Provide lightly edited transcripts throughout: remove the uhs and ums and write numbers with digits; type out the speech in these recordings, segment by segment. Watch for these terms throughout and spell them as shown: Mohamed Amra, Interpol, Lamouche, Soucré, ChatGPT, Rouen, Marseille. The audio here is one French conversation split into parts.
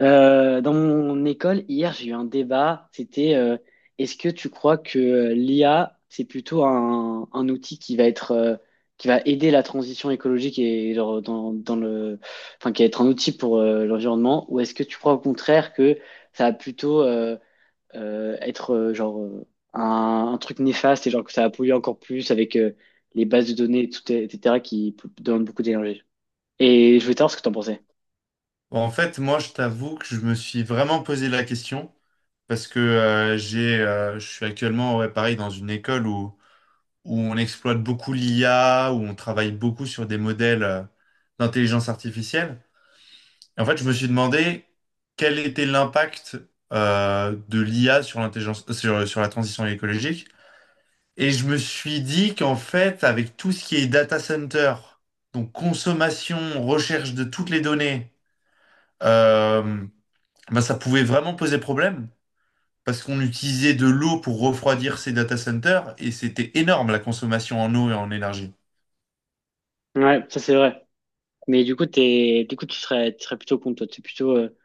Dans mon école, hier, j'ai eu un débat. C'était est-ce que tu crois que l'IA, c'est plutôt un outil qui va être qui va aider la transition écologique et genre, dans le, enfin, qui va être un outil pour l'environnement, ou est-ce que tu crois au contraire que ça va plutôt être genre un truc néfaste et genre que ça va polluer encore plus avec les bases de données, tout, et cetera qui demandent beaucoup d'énergie. Et je voulais savoir ce que tu en pensais. Bon, en fait, moi, je t'avoue que je me suis vraiment posé la question parce que je suis actuellement, ouais, pareil, dans une école où on exploite beaucoup l'IA, où on travaille beaucoup sur des modèles d'intelligence artificielle. Et en fait, je me suis demandé quel était l'impact de l'IA sur la transition écologique. Et je me suis dit qu'en fait, avec tout ce qui est data center, donc consommation, recherche de toutes les données, euh, ben ça pouvait vraiment poser problème parce qu'on utilisait de l'eau pour refroidir ces data centers et c'était énorme la consommation en eau et en énergie. Ouais, ça c'est vrai. Mais du coup, tu serais plutôt contre toi. Tu plutôt,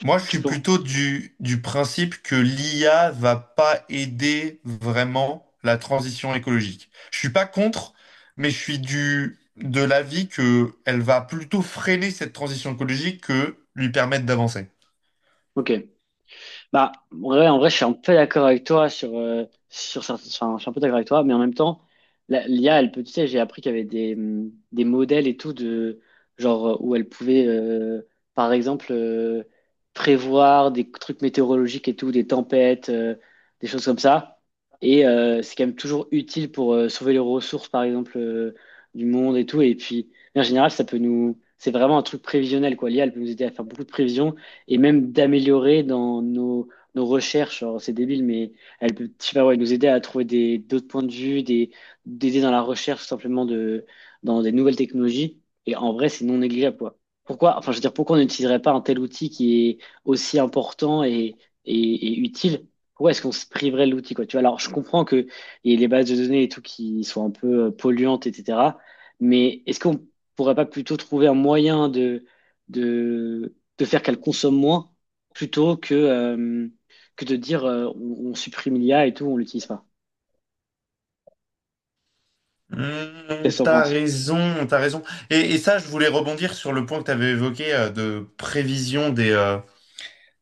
Moi, je tu suis penses. plutôt du principe que l'IA va pas aider vraiment la transition écologique. Je suis pas contre, mais je suis de l'avis que elle va plutôt freiner cette transition écologique que lui permettre d'avancer. Ok. Bah, ouais, en vrai, je suis un peu d'accord avec toi sur, sur enfin, je suis un peu d'accord avec toi, mais en même temps, l'IA, elle peut, tu sais, j'ai appris qu'il y avait des modèles et tout de, genre, où elle pouvait, par exemple, prévoir des trucs météorologiques et tout, des tempêtes, des choses comme ça. Et c'est quand même toujours utile pour sauver les ressources, par exemple, du monde et tout. Et puis, en général, ça peut nous, c'est vraiment un truc prévisionnel, quoi. L'IA, elle peut nous aider à faire beaucoup de prévisions et même d'améliorer dans nos recherches. Alors, c'est débile, mais elle peut, je sais pas, ouais, nous aider à trouver des, d'autres points de vue, des, d'aider dans la recherche simplement de, dans des nouvelles technologies. Et en vrai, c'est non négligeable, quoi. Pourquoi, enfin, je veux dire, pourquoi on n'utiliserait pas un tel outil qui est aussi important et utile? Pourquoi est-ce qu'on se priverait de l'outil, quoi? Tu vois, alors, je comprends que et les bases de données et tout qui sont un peu polluantes, etc. Mais est-ce qu'on pourrait pas plutôt trouver un moyen de, de faire qu'elle consomme moins plutôt que de dire on supprime l'IA et tout, on l'utilise pas. Hmm, Qu'est-ce que t'en penses? T'as raison. Et ça, je voulais rebondir sur le point que t'avais évoqué de prévision des, euh,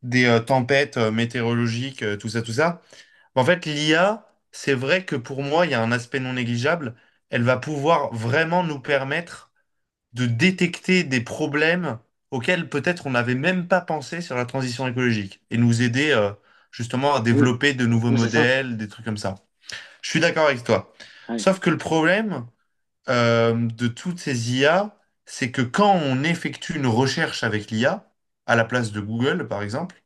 des euh, tempêtes météorologiques, tout ça, tout ça. En fait, l'IA, c'est vrai que pour moi, il y a un aspect non négligeable. Elle va pouvoir vraiment nous permettre de détecter des problèmes auxquels peut-être on n'avait même pas pensé sur la transition écologique et nous aider justement à Mmh. développer de nouveaux Ouais, c'est ça. modèles, des trucs comme ça. Je suis d'accord avec toi. Ouais. Sauf que le problème de toutes ces IA, c'est que quand on effectue une recherche avec l'IA, à la place de Google, par exemple,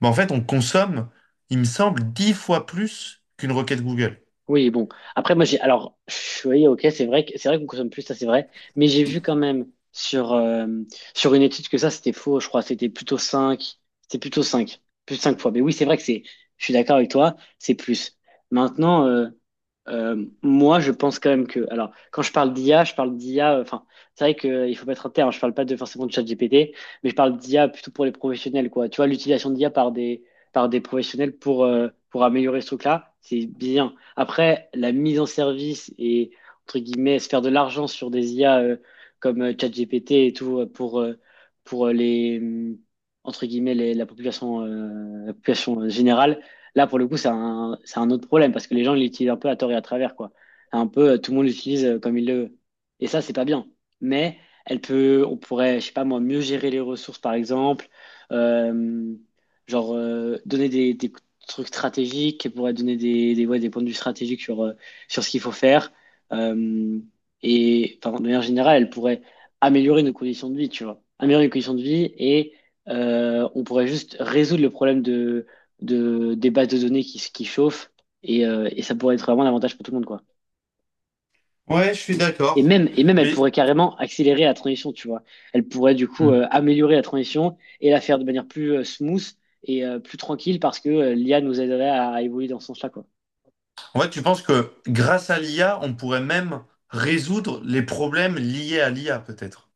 ben en fait, on consomme, il me semble, 10 fois plus qu'une requête Google. Oui, bon. Après, moi, j'ai. Alors, pff, oui, ok, c'est vrai que c'est vrai qu'on consomme plus, ça, c'est vrai. Mais j'ai vu quand même sur, sur une étude que ça, c'était faux, je crois. C'était plutôt 5 Plus de 5 fois. Mais oui, c'est vrai que c'est. Je suis d'accord avec toi, c'est plus. Maintenant, moi, je pense quand même que. Alors, quand je parle d'IA, je parle d'IA. Enfin, c'est vrai qu'il faut mettre un terme. Je parle pas de forcément de ChatGPT, mais je parle d'IA plutôt pour les professionnels, quoi. Tu vois, l'utilisation d'IA par des professionnels pour améliorer ce truc-là, c'est bien. Après, la mise en service et, entre guillemets, se faire de l'argent sur des IA comme ChatGPT et tout pour les, entre guillemets, la population générale, là, pour le coup, c'est un autre problème parce que les gens l'utilisent un peu à tort et à travers, quoi. Un peu, tout le monde l'utilise comme il le veut. Et ça, c'est pas bien. Mais elle peut, on pourrait, je sais pas moi, mieux gérer les ressources, par exemple. Euh, genre, donner des trucs stratégiques, qui pourrait donner des, ouais, des points de vue stratégiques sur, sur ce qu'il faut faire. Euh, et enfin, de manière générale, elle pourrait améliorer nos conditions de vie, tu vois. Améliorer les conditions de vie et on pourrait juste résoudre le problème des bases de données qui chauffent et ça pourrait être vraiment un avantage pour tout le monde, quoi. Ouais, je suis d'accord. Et même, elle Mais pourrait carrément accélérer la transition, tu vois. Elle pourrait du coup hmm. Améliorer la transition et la faire de manière plus smooth et plus tranquille parce que l'IA nous aiderait à évoluer dans ce sens-là, quoi. En fait, tu penses que grâce à l'IA, on pourrait même résoudre les problèmes liés à l'IA, peut-être.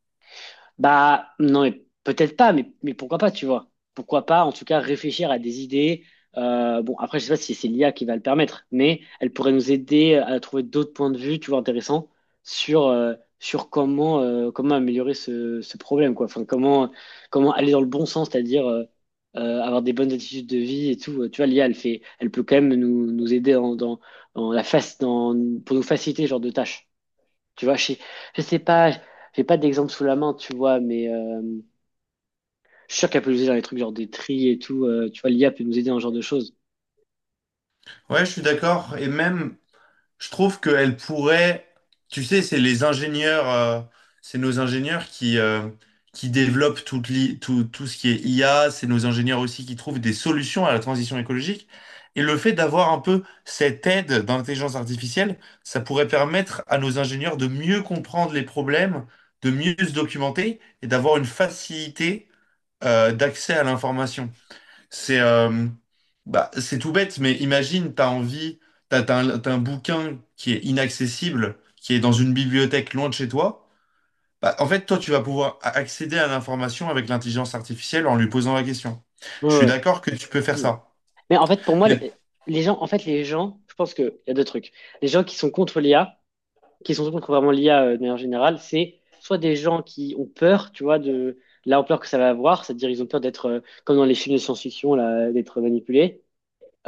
Bah, non, mais peut-être pas, mais pourquoi pas, tu vois. Pourquoi pas, en tout cas, réfléchir à des idées. Bon, après, je sais pas si c'est l'IA qui va le permettre, mais elle pourrait nous aider à trouver d'autres points de vue, tu vois, intéressants sur, sur comment améliorer ce problème, quoi. Enfin, comment aller dans le bon sens, c'est-à-dire avoir des bonnes attitudes de vie et tout. Tu vois, l'IA, elle fait, elle peut quand même nous aider dans la face, pour nous faciliter ce genre de tâches. Tu vois, je sais pas, j'ai pas d'exemple sous la main, tu vois, mais je suis sûr qu'elle peut nous aider dans les trucs genre des tris et tout. Tu vois, l'IA peut nous aider dans ce genre de choses. Ouais, je suis d'accord. Et même, je trouve qu'elle pourrait, tu sais, c'est les ingénieurs, c'est nos ingénieurs qui développent tout, tout ce qui est IA, c'est nos ingénieurs aussi qui trouvent des solutions à la transition écologique. Et le fait d'avoir un peu cette aide d'intelligence artificielle, ça pourrait permettre à nos ingénieurs de mieux comprendre les problèmes, de mieux se documenter et d'avoir une facilité, d'accès à l'information. C'est c'est tout bête, mais imagine, t'as envie, t'as un bouquin qui est inaccessible, qui est dans une bibliothèque loin de chez toi. Bah, en fait, toi, tu vas pouvoir accéder à l'information avec l'intelligence artificielle en lui posant la question. Ouais, Je suis ouais. d'accord que tu peux faire Bon. ça. Mais en fait, pour moi, Mais les gens, en fait, les gens, je pense qu'il y a deux trucs. Les gens qui sont contre l'IA, qui sont contre vraiment l'IA de manière générale, c'est soit des gens qui ont peur, tu vois, de l'ampleur que ça va avoir, c'est-à-dire ils ont peur d'être, comme dans les films de science-fiction, là, d'être manipulés.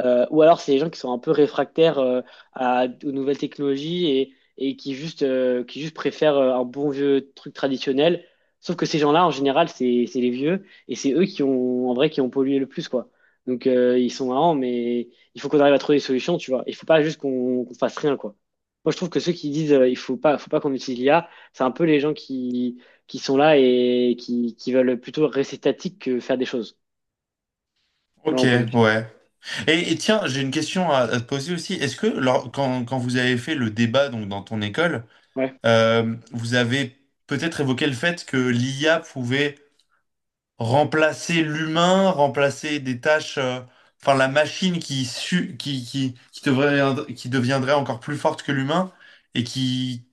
Ou alors, c'est les gens qui sont un peu réfractaires aux nouvelles technologies et qui juste préfèrent un bon vieux truc traditionnel. Sauf que ces gens-là, en général, c'est les vieux et c'est eux qui ont, en vrai, qui ont pollué le plus, quoi. Donc, ils sont marrants, mais il faut qu'on arrive à trouver des solutions, tu vois. Il faut pas juste qu'on fasse rien, quoi. Moi, je trouve que ceux qui disent il faut pas qu'on utilise l'IA, c'est un peu les gens qui sont là et qui veulent plutôt rester statiques que faire des choses, de ok, mon point de vue. ouais. Et tiens, j'ai une question à te poser aussi. Est-ce que quand, quand vous avez fait le débat donc dans ton école, Ouais. Vous avez peut-être évoqué le fait que l'IA pouvait remplacer l'humain, remplacer des tâches, enfin la machine qui, su- qui, devrait- qui deviendrait encore plus forte que l'humain et qui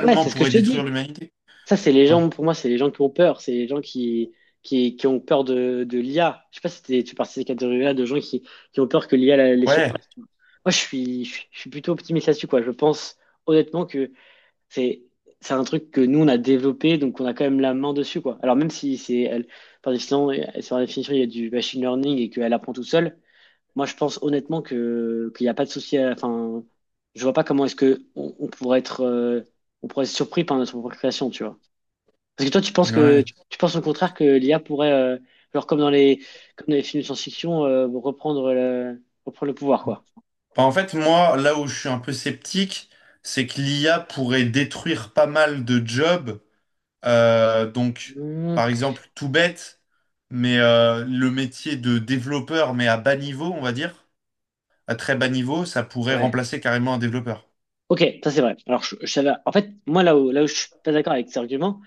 Ouais, c'est ce que je pourrait te détruire dis. l'humanité. Ça, c'est les Ouais. gens, pour moi, c'est les gens qui ont peur. C'est les gens qui ont peur de l'IA. Je sais pas si tu fais partie de ces catégories-là de gens qui ont peur que l'IA les Ouais. surpasse, tu vois. Moi, je suis plutôt optimiste là-dessus, quoi. Je pense honnêtement que c'est, c'est un truc que nous, on a développé, donc on a quand même la main dessus, quoi. Alors, même si c'est, elle, par définition, sur la définition, il y a du machine learning et qu'elle apprend tout seule, moi, je pense honnêtement que, qu'il n'y a pas de souci à, enfin, je vois pas comment est-ce que on pourrait être surpris par notre propre création, tu vois. Parce que toi, tu penses que Ouais. tu penses au contraire que l'IA pourrait, genre comme dans les films de science-fiction, reprendre le pouvoir, quoi. Enfin, en fait, moi, là où je suis un peu sceptique, c'est que l'IA pourrait détruire pas mal de jobs. Donc, Hmm, par exemple, tout bête, mais le métier de développeur, mais à bas niveau, on va dire, à très bas niveau, ça pourrait ouais. remplacer carrément un développeur. Ok, ça c'est vrai. Alors, en fait, moi, là où je suis pas d'accord avec cet argument,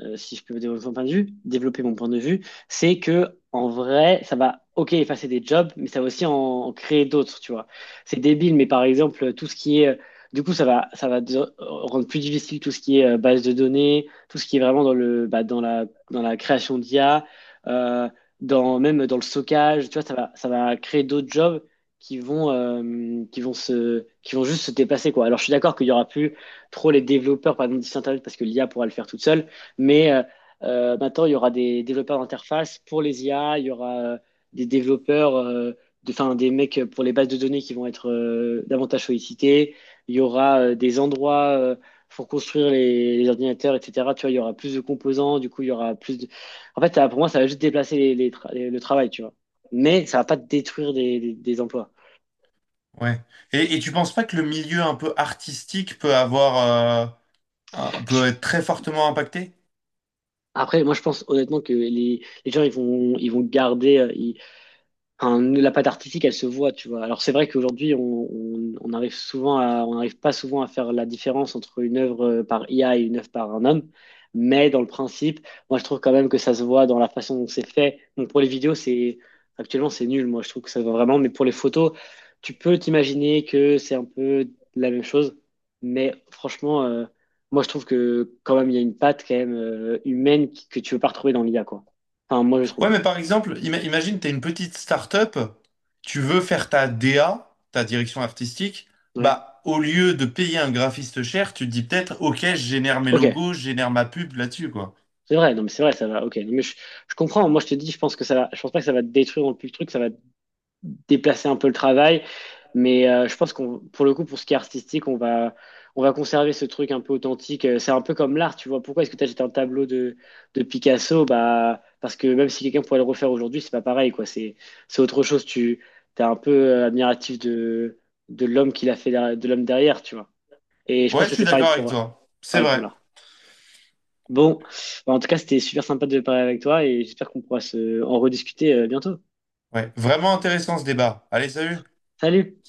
si je peux développer mon point de vue, développer mon point de vue, c'est que, en vrai, ça va, ok, effacer des jobs, mais ça va aussi en créer d'autres, tu vois. C'est débile, mais par exemple, tout ce qui est, du coup, rendre plus difficile tout ce qui est base de données, tout ce qui est vraiment dans le, bah, dans la création d'IA, euh, dans, même dans le stockage, tu vois, ça va créer d'autres jobs qui vont juste se dépasser, quoi. Alors, je suis d'accord qu'il y aura plus trop les développeurs, par exemple, du site internet parce que l'IA pourra le faire toute seule, mais maintenant, il y aura des développeurs d'interface pour les IA, il y aura des développeurs, de, enfin, des mecs pour les bases de données qui vont être davantage sollicités, il y aura des endroits pour construire les ordinateurs, etc. Tu vois, il y aura plus de composants, du coup, il y aura plus de... En fait, ça, pour moi, ça va juste déplacer le travail, tu vois. Mais ça va pas détruire des emplois. Ouais. Et tu penses pas que le milieu un peu artistique peut avoir, euh, peut être très fortement impacté? Après, moi, je pense honnêtement que les gens, ils vont garder, enfin, la patte artistique, elle se voit, tu vois. Alors c'est vrai qu'aujourd'hui, on n'arrive pas souvent à faire la différence entre une œuvre par IA et une œuvre par un homme. Mais dans le principe, moi je trouve quand même que ça se voit dans la façon dont c'est fait. Donc pour les vidéos, c'est actuellement c'est nul. Moi je trouve que ça va vraiment. Mais pour les photos, tu peux t'imaginer que c'est un peu la même chose. Mais franchement, moi je trouve que quand même il y a une patte quand même humaine que tu veux pas retrouver dans l'IA quoi. Enfin moi je Ouais, trouve. mais par exemple, imagine, tu es une petite start-up, tu veux faire ta DA, ta direction artistique, Ouais. bah, au lieu de payer un graphiste cher, tu te dis peut-être, ok, je génère mes Ok. logos, je génère ma pub là-dessus, quoi. C'est vrai, non, mais c'est vrai, ça va. Ok, non, mais je comprends. Moi, je te dis, je pense que ça va. Je pense pas que ça va détruire non plus le truc, ça va déplacer un peu le travail. Mais je pense qu'on, pour le coup, pour ce qui est artistique, on va conserver ce truc un peu authentique. C'est un peu comme l'art, tu vois. Pourquoi est-ce que tu jeté un tableau de Picasso? Bah, parce que même si quelqu'un pourrait le refaire aujourd'hui, c'est pas pareil, quoi. C'est autre chose. T'es un peu admiratif de l'homme qui l'a fait, de l'homme derrière, tu vois. Et je Ouais, pense je que suis c'est pareil d'accord avec pour, toi. C'est pareil pour vrai. l'art. Bon, bah, en tout cas, c'était super sympa de parler avec toi et j'espère qu'on pourra se en rediscuter bientôt. Ouais, vraiment intéressant ce débat. Allez, salut! Salut!